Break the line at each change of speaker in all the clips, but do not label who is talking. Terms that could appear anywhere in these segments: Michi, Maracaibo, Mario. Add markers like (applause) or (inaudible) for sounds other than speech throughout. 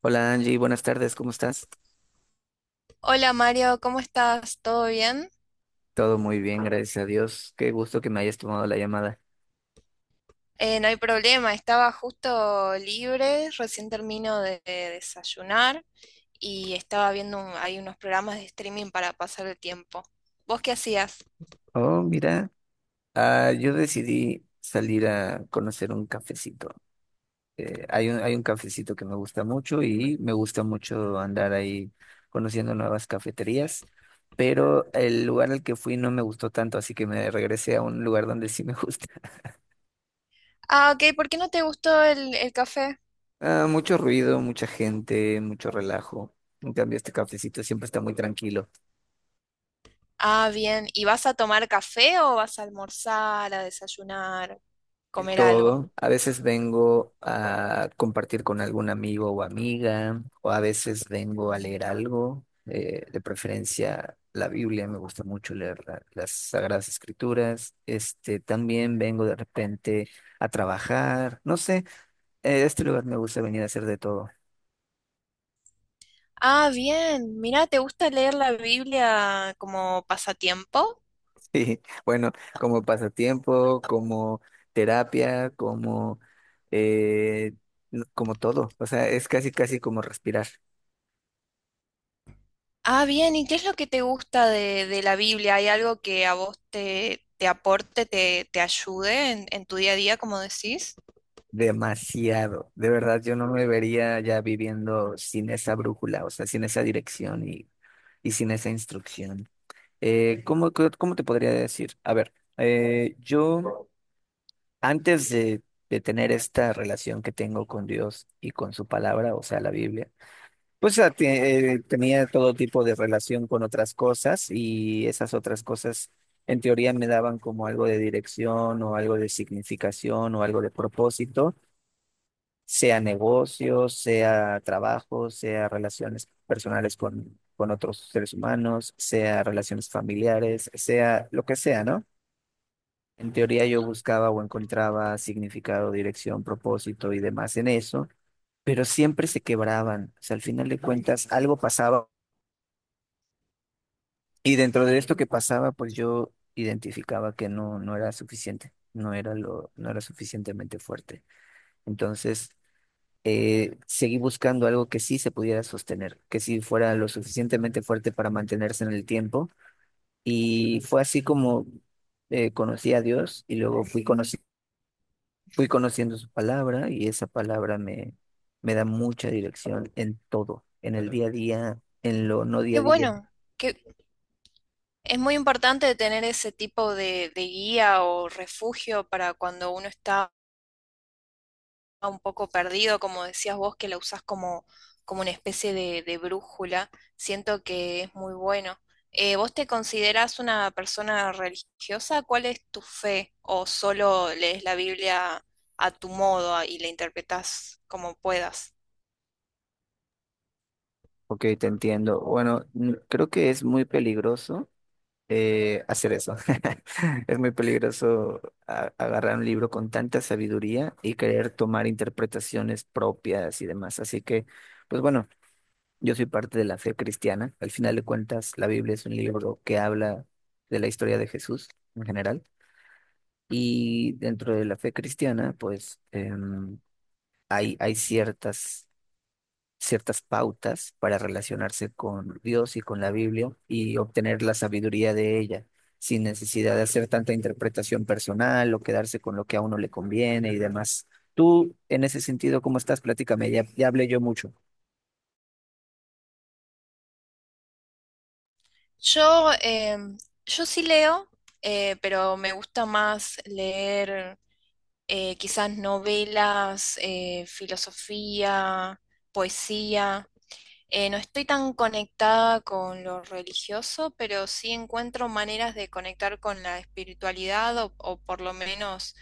Hola Angie, buenas tardes, ¿cómo estás?
Hola Mario, ¿cómo estás? ¿Todo bien?
Todo muy bien, gracias a Dios. Qué gusto que me hayas tomado la llamada.
No hay problema, estaba justo libre, recién termino de desayunar y estaba viendo hay unos programas de streaming para pasar el tiempo. ¿Vos qué hacías?
Oh, mira, yo decidí salir a conocer un cafecito. Hay un cafecito que me gusta mucho y me gusta mucho andar ahí conociendo nuevas cafeterías, pero el lugar al que fui no me gustó tanto, así que me regresé a un lugar donde sí me gusta. (laughs)
Ah, ok, ¿por qué no te gustó el café?
Ah, mucho ruido, mucha gente, mucho relajo. En cambio, este cafecito siempre está muy tranquilo.
Ah, bien, ¿y vas a tomar café o vas a almorzar, a desayunar, comer algo?
Todo. A veces vengo a compartir con algún amigo o amiga, o a veces vengo a leer algo, de preferencia la Biblia, me gusta mucho leer las Sagradas Escrituras. Este, también vengo de repente a trabajar, no sé, este lugar me gusta venir a hacer de todo. (laughs)
Ah, bien, mira, ¿te gusta leer la Biblia como pasatiempo?
Sí, bueno, como pasatiempo, como terapia, como, eh, como todo, o sea, es casi, casi como respirar.
Ah, bien, ¿y qué es lo que te gusta de la Biblia? ¿Hay algo que a vos te aporte, te ayude en tu día a día, como decís?
Demasiado. De verdad, yo no me vería ya viviendo sin esa brújula, o sea, sin esa dirección y sin esa instrucción. ¿Cómo, cómo te podría decir? A ver, yo antes de tener esta relación que tengo con Dios y con su palabra, o sea, la Biblia, pues tenía todo tipo de relación con otras cosas y esas otras cosas en teoría me daban como algo de dirección o algo de significación o algo de propósito, sea negocios, sea trabajo, sea relaciones personales con otros seres humanos, sea relaciones familiares, sea lo que sea, ¿no? En teoría yo buscaba o encontraba significado, dirección, propósito y demás en eso, pero siempre se quebraban. O sea, al final de cuentas algo pasaba. Y dentro de esto que pasaba, pues yo identificaba que no, no era suficiente, no era lo, no era suficientemente fuerte. Entonces, seguí buscando algo que sí se pudiera sostener, que sí fuera lo suficientemente fuerte para mantenerse en el tiempo. Y fue así como conocí a Dios y luego fui, fui conociendo su palabra y esa palabra me, me da mucha dirección en todo, en el día a día, en lo no
Qué
día a día.
bueno, que es muy importante tener ese tipo de guía o refugio para cuando uno está un poco perdido, como decías vos, que la usás como una especie de brújula. Siento que es muy bueno. ¿Vos te considerás una persona religiosa? ¿Cuál es tu fe? ¿O solo lees la Biblia a tu modo y la interpretás como puedas?
Ok, te entiendo. Bueno, creo que es muy peligroso hacer eso. (laughs) Es muy peligroso agarrar un libro con tanta sabiduría y querer tomar interpretaciones propias y demás. Así que, pues bueno, yo soy parte de la fe cristiana. Al final de cuentas, la Biblia es un libro que habla de la historia de Jesús en general. Y dentro de la fe cristiana, pues hay ciertas ciertas pautas para relacionarse con Dios y con la Biblia y obtener la sabiduría de ella, sin necesidad de hacer tanta interpretación personal o quedarse con lo que a uno le conviene y demás. Tú, en ese sentido, ¿cómo estás? Platícame, ya hablé yo mucho.
Yo, yo sí leo, pero me gusta más leer quizás novelas, filosofía, poesía. No estoy tan conectada con lo religioso, pero sí encuentro maneras de conectar con la espiritualidad o por lo menos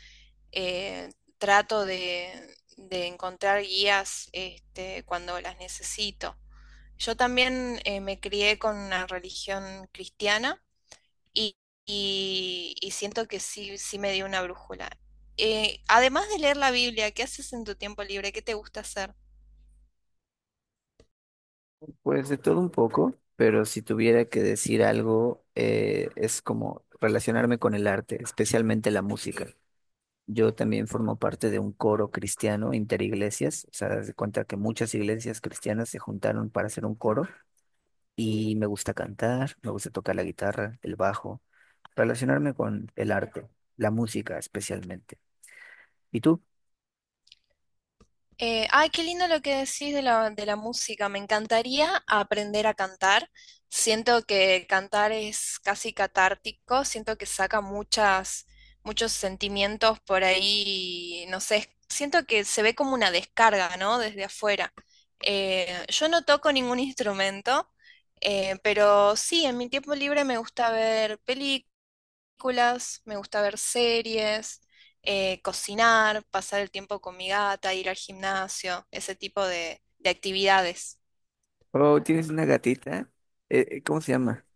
eh, trato de encontrar guías este, cuando las necesito. Yo también me crié con una religión cristiana y, y siento que sí, sí me dio una brújula. Además de leer la Biblia, ¿qué haces en tu tiempo libre? ¿Qué te gusta hacer?
Pues de todo un poco, pero si tuviera que decir algo, es como relacionarme con el arte, especialmente la música. Yo también formo parte de un coro cristiano interiglesias, o sea, das de cuenta que muchas iglesias cristianas se juntaron para hacer un coro. Y me gusta cantar, me gusta tocar la guitarra, el bajo, relacionarme con el arte, la música especialmente. ¿Y tú?
Ay, qué lindo lo que decís de la música. Me encantaría aprender a cantar. Siento que cantar es casi catártico. Siento que saca muchos sentimientos por ahí. No sé, siento que se ve como una descarga, ¿no? Desde afuera. Yo no toco ningún instrumento, pero sí, en mi tiempo libre me gusta ver películas, me gusta ver series, cocinar, pasar el tiempo con mi gata, ir al gimnasio, ese tipo de actividades.
Oh, ¿tienes una gatita? ¿Cómo se llama?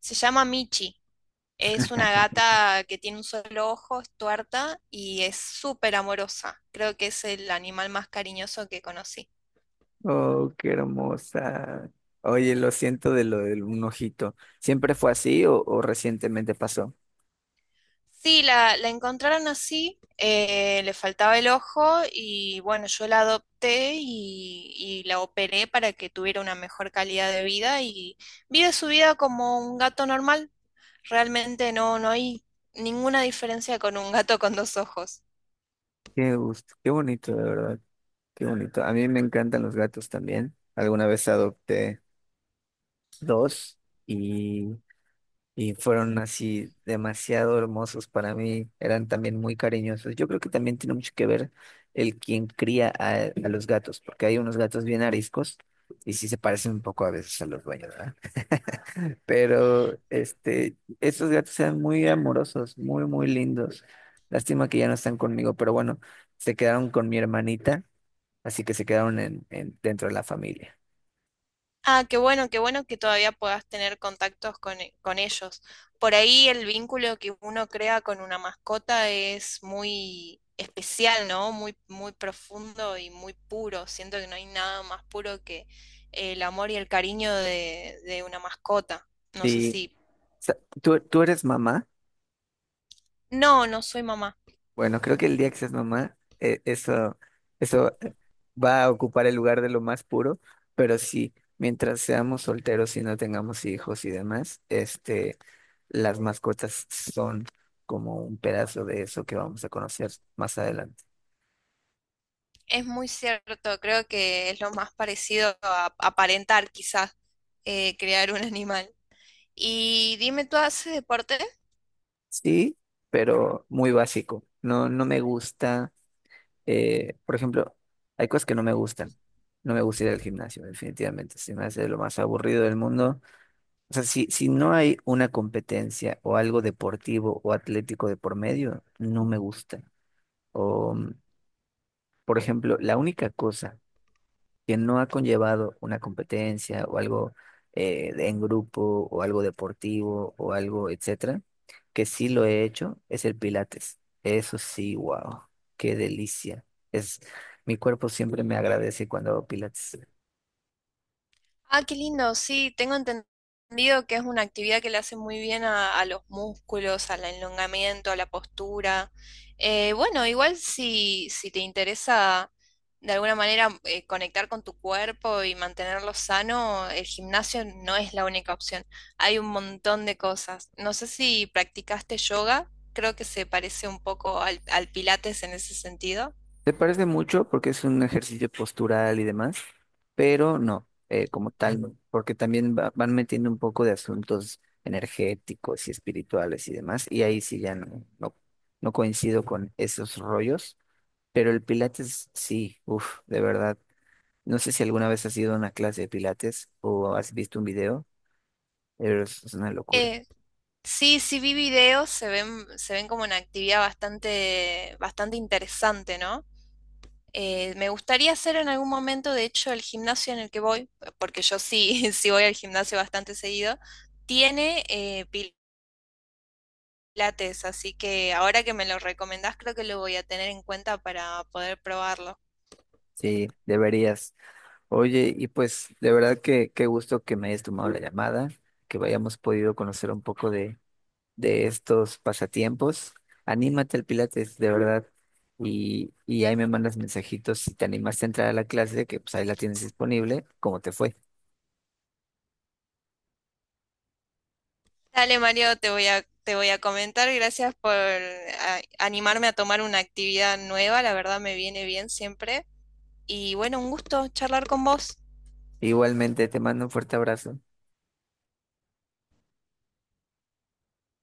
Se llama Michi. Es una gata que tiene un solo ojo, es tuerta y es súper amorosa. Creo que es el animal más cariñoso que conocí.
Oh, qué hermosa. Oye, lo siento de lo del un ojito. ¿Siempre fue así o recientemente pasó?
Sí, la encontraron así, le faltaba el ojo y bueno, yo la adopté y la operé para que tuviera una mejor calidad de vida y vive su vida como un gato normal. Realmente no, no hay ninguna diferencia con un gato con dos ojos.
Qué gusto, qué bonito, de verdad, qué bonito. A mí me encantan los gatos también. Alguna vez adopté dos. Y y fueron así demasiado hermosos para mí, eran también muy cariñosos. Yo creo que también tiene mucho que ver el quien cría a los gatos, porque hay unos gatos bien ariscos y sí se parecen un poco a veces a los dueños, ¿verdad? Pero este, estos gatos eran muy amorosos, muy, muy lindos. Lástima que ya no están conmigo, pero bueno, se quedaron con mi hermanita, así que se quedaron en, dentro de la familia.
Ah, qué bueno que todavía puedas tener contactos con, con ellos. Por ahí el vínculo que uno crea con una mascota es muy especial, ¿no? Muy, muy profundo y muy puro. Siento que no hay nada más puro que el amor y el cariño de una mascota. No sé
Sí.
si...
¿Tú, tú eres mamá?
No, no soy mamá.
Bueno, creo que el día que seas mamá, eso, eso va a ocupar el lugar de lo más puro, pero sí, mientras seamos solteros y no tengamos hijos y demás, este, las mascotas son como un pedazo de eso que vamos a conocer más adelante.
Es muy cierto. Creo que es lo más parecido a aparentar, quizás, crear un (laughs) animal. Y dime, ¿tú haces deporte?
Sí, pero muy básico. No, no me gusta, por ejemplo, hay cosas que no me gustan. No me gusta ir al gimnasio, definitivamente. Se me hace lo más aburrido del mundo. O sea, si, si no hay una competencia o algo deportivo o atlético de por medio, no me gusta. O, por ejemplo, la única cosa que no ha conllevado una competencia o algo en grupo o algo deportivo o algo, etcétera, que sí lo he hecho, es el Pilates. Eso sí, wow, qué delicia. Es, mi cuerpo siempre me agradece cuando hago Pilates.
Ah, qué lindo, sí, tengo entendido que es una actividad que le hace muy bien a los músculos, al elongamiento, a la postura. Bueno, igual si, si te interesa de alguna manera conectar con tu cuerpo y mantenerlo sano, el gimnasio no es la única opción. Hay un montón de cosas. No sé si practicaste yoga, creo que se parece un poco al Pilates en ese sentido.
Se parece mucho porque es un ejercicio postural y demás, pero no, como tal, no, porque también van metiendo un poco de asuntos energéticos y espirituales y demás, y ahí sí ya no, no, no coincido con esos rollos, pero el Pilates sí, uff, de verdad. No sé si alguna vez has ido a una clase de Pilates o has visto un video, pero es una locura.
Eh, sí, sí vi videos, se ven como una actividad bastante, bastante interesante, ¿no? Me gustaría hacer en algún momento, de hecho, el gimnasio en el que voy, porque yo sí, (laughs) sí voy al gimnasio bastante seguido, tiene pilates, así que ahora que me lo recomendás, creo que lo voy a tener en cuenta para poder probarlo.
Sí, deberías. Oye, y pues de verdad que qué gusto que me hayas tomado la llamada, que hayamos podido conocer un poco de estos pasatiempos, anímate al Pilates, de verdad. Y ahí me mandas mensajitos si te animaste a entrar a la clase, que pues ahí la tienes disponible, cómo te fue.
Dale, Mario, te voy a comentar. Gracias por animarme a tomar una actividad nueva, la verdad me viene bien siempre. Y bueno, un gusto charlar con vos.
Igualmente te mando un fuerte abrazo.